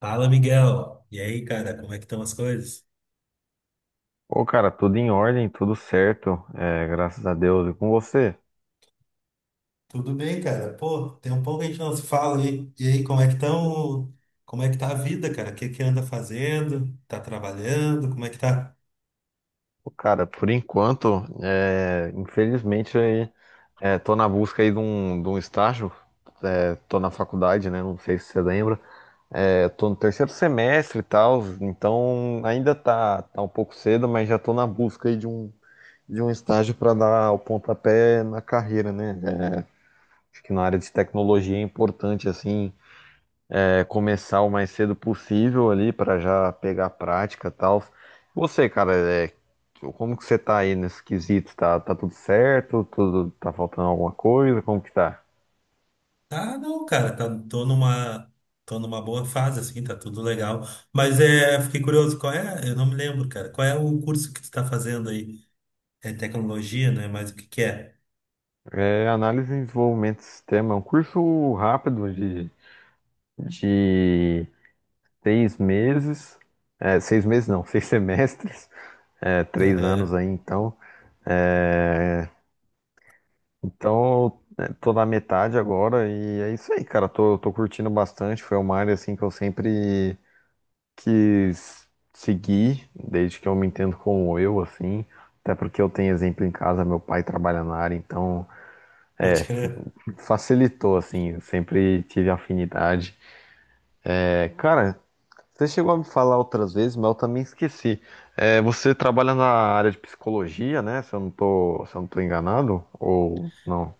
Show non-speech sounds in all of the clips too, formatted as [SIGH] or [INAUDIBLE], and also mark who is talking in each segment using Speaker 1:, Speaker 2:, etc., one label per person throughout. Speaker 1: Fala, Miguel. E aí, cara, como é que estão as coisas?
Speaker 2: Ô, cara, tudo em ordem, tudo certo, graças a Deus. E com você?
Speaker 1: Tudo bem, cara? Pô, tem um pouco que a gente não se fala aí. E aí, como é que estão? Como é que tá a vida, cara? O que que anda fazendo? Tá trabalhando? Como é que tá?
Speaker 2: Ô, cara, por enquanto, infelizmente, aí, tô na busca aí de um estágio, tô na faculdade, né? Não sei se você lembra. Tô no terceiro semestre e tal, então ainda tá um pouco cedo, mas já tô na busca aí de um estágio para dar o pontapé na carreira, né? Acho que na área de tecnologia é importante, assim, começar o mais cedo possível ali para já pegar a prática e tal. Você, cara, como que você tá aí nesse quesito? Tá tudo certo? Tudo tá faltando alguma coisa? Como que tá?
Speaker 1: Tá, não, cara, tá, tô numa boa fase, assim, tá tudo legal. Mas é, fiquei curioso, qual é? Eu não me lembro, cara. Qual é o curso que tu tá fazendo aí? É tecnologia, né? Mas o que que é?
Speaker 2: Análise e desenvolvimento de sistema é um curso rápido de 6 meses. Seis meses não, [LAUGHS] 6 semestres. 3 anos
Speaker 1: Aham.
Speaker 2: aí, então. É, Então, tô na metade agora e é isso aí, cara. Tô curtindo bastante. Foi uma área assim que eu sempre quis seguir, desde que eu me entendo como eu, assim. Até porque eu tenho exemplo em casa, meu pai trabalha na área, então
Speaker 1: Pode crer.
Speaker 2: facilitou, assim. Eu sempre tive afinidade. Cara, você chegou a me falar outras vezes, mas eu também esqueci. Você trabalha na área de psicologia, né? Se eu não tô enganado, ou não?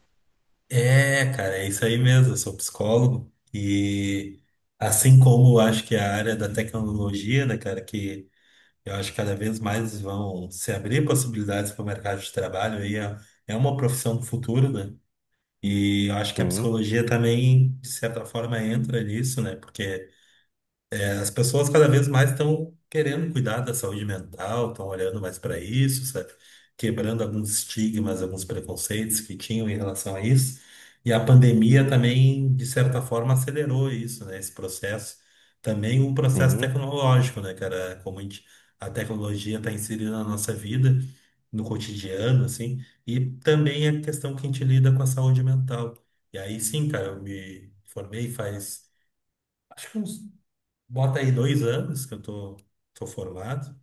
Speaker 1: É, cara, é isso aí mesmo. Eu sou psicólogo e assim como eu acho que a área da tecnologia, né, cara, que eu acho que cada vez mais vão se abrir possibilidades para o mercado de trabalho aí é, é uma profissão do futuro, né? E eu acho que a
Speaker 2: Sim,
Speaker 1: psicologia também, de certa forma, entra nisso, né? Porque as pessoas cada vez mais estão querendo cuidar da saúde mental, estão olhando mais para isso, sabe? Quebrando alguns estigmas, alguns preconceitos que tinham em relação a isso. E a pandemia também, de certa forma, acelerou isso, né? Esse processo. Também um processo
Speaker 2: sim.
Speaker 1: tecnológico, né, cara? Como a gente, a tecnologia está inserida na nossa vida, no cotidiano, assim. E também a questão que a gente lida com a saúde mental. E aí sim, cara, eu me formei faz, acho que uns, bota aí dois anos que eu tô, tô formado.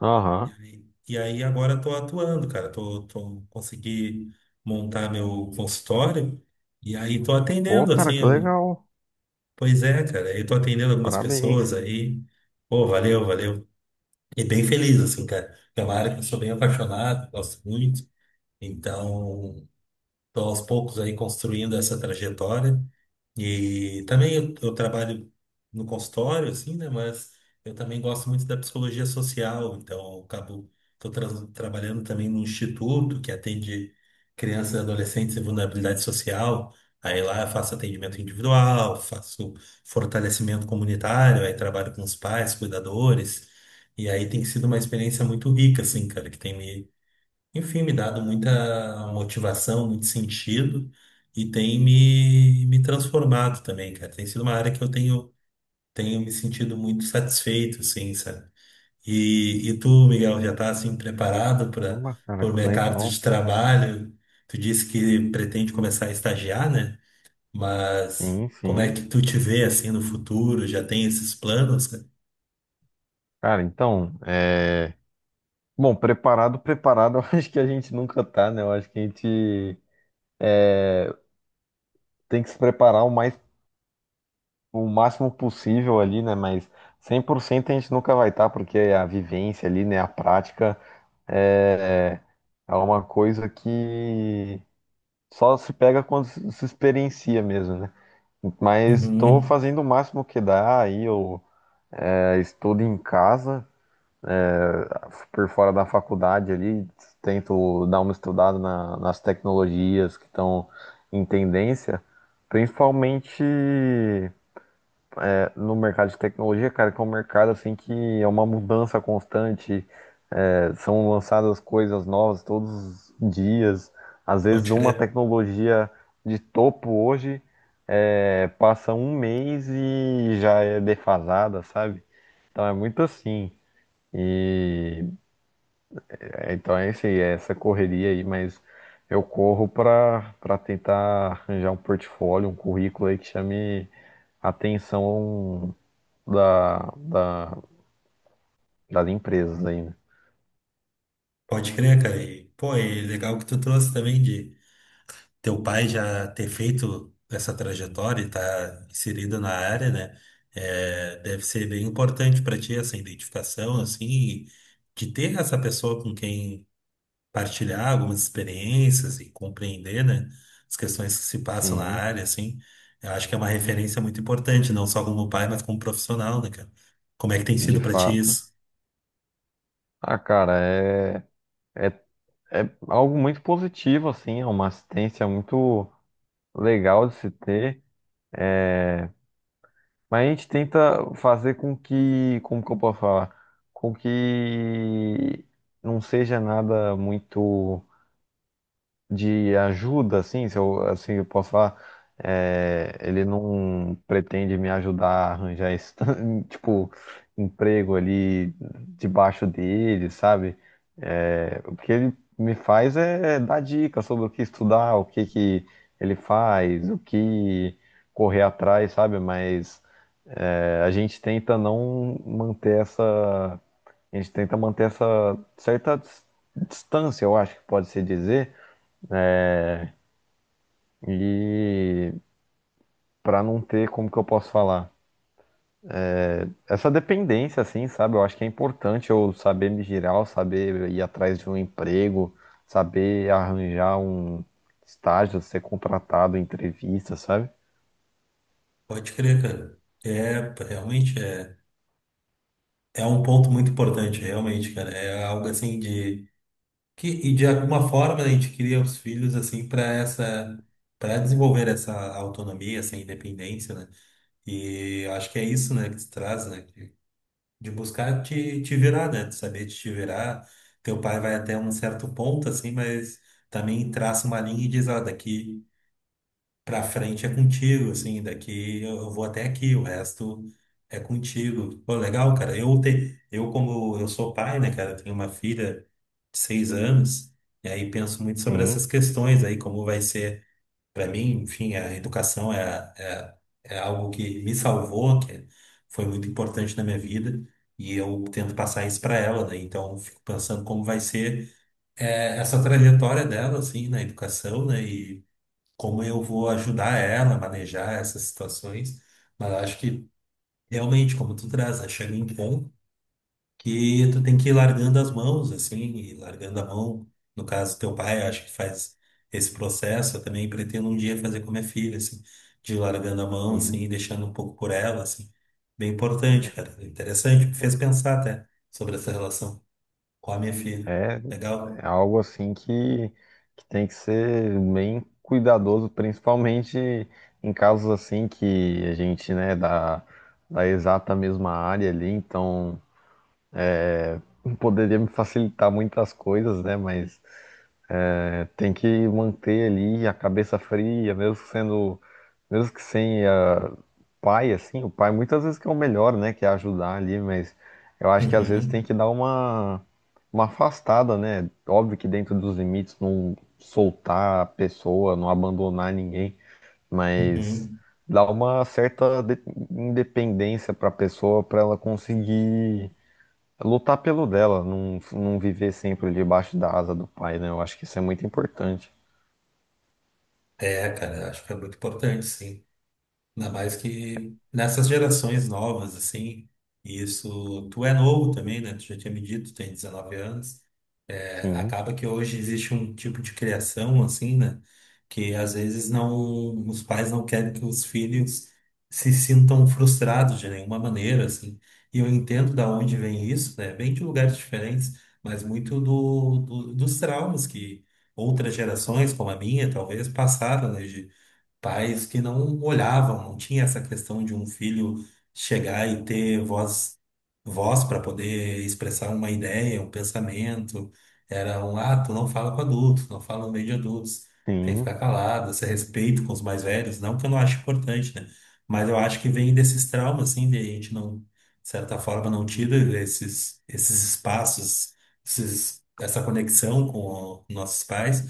Speaker 1: E
Speaker 2: Aham.
Speaker 1: aí, e aí agora tô atuando, cara. Tô consegui montar meu consultório e aí tô
Speaker 2: Pô,
Speaker 1: atendendo,
Speaker 2: cara,
Speaker 1: assim,
Speaker 2: que
Speaker 1: eu,
Speaker 2: legal.
Speaker 1: pois é, cara, eu tô atendendo algumas
Speaker 2: Parabéns.
Speaker 1: pessoas aí. Pô, valeu. E bem feliz, assim, cara. É uma área que eu sou bem apaixonado, gosto muito. Então, tô aos poucos aí construindo essa trajetória. E também eu trabalho no consultório, assim, né? Mas eu também gosto muito da psicologia social, então eu acabo, tô tra- trabalhando também no instituto que atende crianças e adolescentes em vulnerabilidade social. Aí lá eu faço atendimento individual, faço fortalecimento comunitário, aí trabalho com os pais, cuidadores. E aí tem sido uma experiência muito rica, assim, cara, que tem me, enfim, me dado muita motivação, muito sentido e tem me transformado também, cara. Tem sido uma área que eu tenho me sentido muito satisfeito, assim, sabe? E tu, Miguel, já tá assim preparado para
Speaker 2: Uma, cara,
Speaker 1: o
Speaker 2: que
Speaker 1: mercado de
Speaker 2: legal.
Speaker 1: trabalho? Tu disse que pretende começar a estagiar, né? Mas
Speaker 2: Sim,
Speaker 1: como é
Speaker 2: sim.
Speaker 1: que tu te vê assim no futuro? Já tem esses planos, cara?
Speaker 2: Cara, então. Bom, preparado, preparado, [LAUGHS] eu acho que a gente nunca tá, né? Eu acho que a gente tem que se preparar o máximo possível ali, né? Mas 100% a gente nunca vai estar, porque a vivência ali, né? A prática é, é uma coisa que só se pega quando se experiencia mesmo, né? Mas estou
Speaker 1: Uhum.
Speaker 2: fazendo o máximo que dá aí, eu estudo em casa, por fora da faculdade ali, tento dar uma estudada nas tecnologias que estão em tendência, principalmente no mercado de tecnologia, cara, que é um mercado assim que é uma mudança constante, são lançadas coisas novas todos os dias, às vezes
Speaker 1: Pode
Speaker 2: uma
Speaker 1: crer,
Speaker 2: tecnologia de topo hoje, é, passa um mês e já é defasada, sabe? Então é muito assim. E então é isso aí, é essa correria aí, mas eu corro para tentar arranjar um portfólio, um currículo aí que chame a atenção da, da, das empresas aí, né?
Speaker 1: pode crer, cara. E, pô, e legal que tu trouxe também de teu pai já ter feito essa trajetória e estar inserido na área, né? É, deve ser bem importante para ti essa identificação, assim, de ter essa pessoa com quem partilhar algumas experiências e compreender, né? As questões que se passam na
Speaker 2: Sim,
Speaker 1: área, assim. Eu acho que é uma referência muito importante, não só como pai, mas como profissional, né, cara? Como é que tem
Speaker 2: de
Speaker 1: sido para ti
Speaker 2: fato.
Speaker 1: isso?
Speaker 2: Ah, cara, é, é algo muito positivo, assim, é uma assistência muito legal de se ter. Mas a gente tenta fazer com que, como que eu posso falar? Com que não seja nada muito de ajuda, assim, se eu, assim eu posso falar. Ele não pretende me ajudar a arranjar esse, [LAUGHS] tipo, emprego ali debaixo dele, sabe? O que ele me faz é dar dicas sobre o que estudar, o que que ele faz, o que correr atrás, sabe? Mas a gente tenta não manter essa. A gente tenta manter essa certa distância, eu acho que pode se dizer, e para não ter, como que eu posso falar? Essa dependência, assim, sabe? Eu acho que é importante eu saber me girar, eu saber ir atrás de um emprego, saber arranjar um estágio, ser contratado, entrevista, sabe?
Speaker 1: Pode crer, cara. É, realmente é. É um ponto muito importante, realmente, cara. É algo assim de que, e de alguma forma a gente cria os filhos assim para essa, para desenvolver essa autonomia, essa independência, né? E eu acho que é isso, né, que se traz, né, que- de buscar te virar, né, de saber te virar. Teu pai vai até um certo ponto assim, mas também traça uma linha e diz, ó, daqui pra frente é contigo, assim, daqui eu vou até aqui, o resto é contigo. Pô, legal, cara. Eu como eu sou pai, né, cara, eu tenho uma filha de seis anos, e aí penso muito sobre
Speaker 2: Sim,
Speaker 1: essas questões aí, como vai ser para mim, enfim, a educação é algo que me salvou, que foi muito importante na minha vida. E eu tento passar isso para ela, né? Então, eu fico pensando como vai ser é, essa trajetória dela, assim, na educação, né? Como eu vou ajudar ela a manejar essas situações. Mas eu acho que realmente, como tu traz, né? Chega em ponto que tu tem que ir largando as mãos, assim, e largando a mão. No caso, teu pai, eu acho que faz esse processo. Eu também pretendo um dia fazer com minha filha, assim, de ir largando a mão,
Speaker 2: sim.
Speaker 1: assim, e deixando um pouco por ela, assim. Bem importante, cara. É interessante, me fez pensar até sobre essa relação com a minha filha.
Speaker 2: É
Speaker 1: Legal?
Speaker 2: É algo assim que tem que ser bem cuidadoso, principalmente em casos assim que a gente, né, da exata mesma área ali, então poderia me facilitar muitas coisas, né, mas tem que manter ali a cabeça fria, mesmo sendo, mesmo que sem ah, pai, assim, o pai muitas vezes que é o melhor, né, que é ajudar ali, mas eu acho que às vezes tem
Speaker 1: Uhum,
Speaker 2: que dar uma afastada, né? Óbvio que dentro dos limites, não soltar a pessoa, não abandonar ninguém, mas
Speaker 1: uhum.
Speaker 2: dar uma certa independência para a pessoa, para ela conseguir lutar pelo dela, não, não viver sempre debaixo da asa do pai, né? Eu acho que isso é muito importante.
Speaker 1: É, cara, eu acho que é muito importante, sim. Ainda mais que nessas gerações novas, assim, e isso, tu é novo também, né? Tu já tinha me dito, tu tem 19 anos. É,
Speaker 2: Sim,
Speaker 1: acaba que hoje existe um tipo de criação, assim, né? Que às vezes não, os pais não querem que os filhos se sintam frustrados de nenhuma maneira, assim. E eu entendo da onde vem isso, né? Vem de lugares diferentes, mas muito do- dos traumas que outras gerações, como a minha, talvez, passaram, né? Pais que não olhavam, não tinha essa questão de um filho chegar e ter voz, voz para poder expressar uma ideia, um pensamento. Era um, ah, tu não fala com adultos, não fala no meio de adultos, tem que
Speaker 2: sim.
Speaker 1: ficar calado, esse respeito com os mais velhos, não que eu não acho importante, né? Mas eu acho que vem desses traumas, assim, de a gente não, de certa forma, não tira esses, esses espaços, esses, essa conexão com o- nossos pais.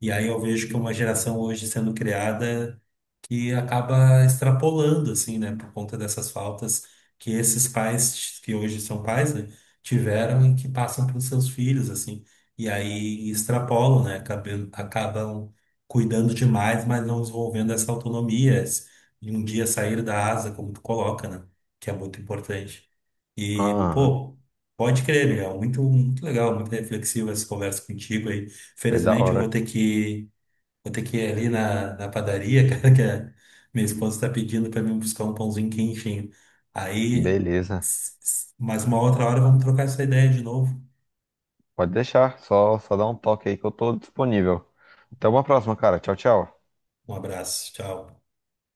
Speaker 1: E aí eu vejo que uma geração hoje sendo criada que acaba extrapolando, assim, né, por conta dessas faltas que esses pais, que hoje são pais, né, tiveram e que passam para os seus filhos, assim, e aí extrapolam, né, acabam cuidando demais, mas não desenvolvendo essa autonomia, esse- de um dia sair da asa, como tu coloca, né, que é muito importante. E,
Speaker 2: Ah,
Speaker 1: pô, pode crer, Miguel, muito legal, muito reflexiva essa conversa contigo aí.
Speaker 2: foi da
Speaker 1: Felizmente eu vou
Speaker 2: hora.
Speaker 1: ter que, vou ter que ir ali na, na padaria, [LAUGHS] cara, que a minha esposa está pedindo para mim buscar um pãozinho quentinho. Aí,
Speaker 2: Beleza.
Speaker 1: s- s- mais uma outra hora, vamos trocar essa ideia de novo.
Speaker 2: Pode deixar. Só dá um toque aí que eu tô disponível. Até uma próxima, cara. Tchau, tchau.
Speaker 1: Um abraço, tchau.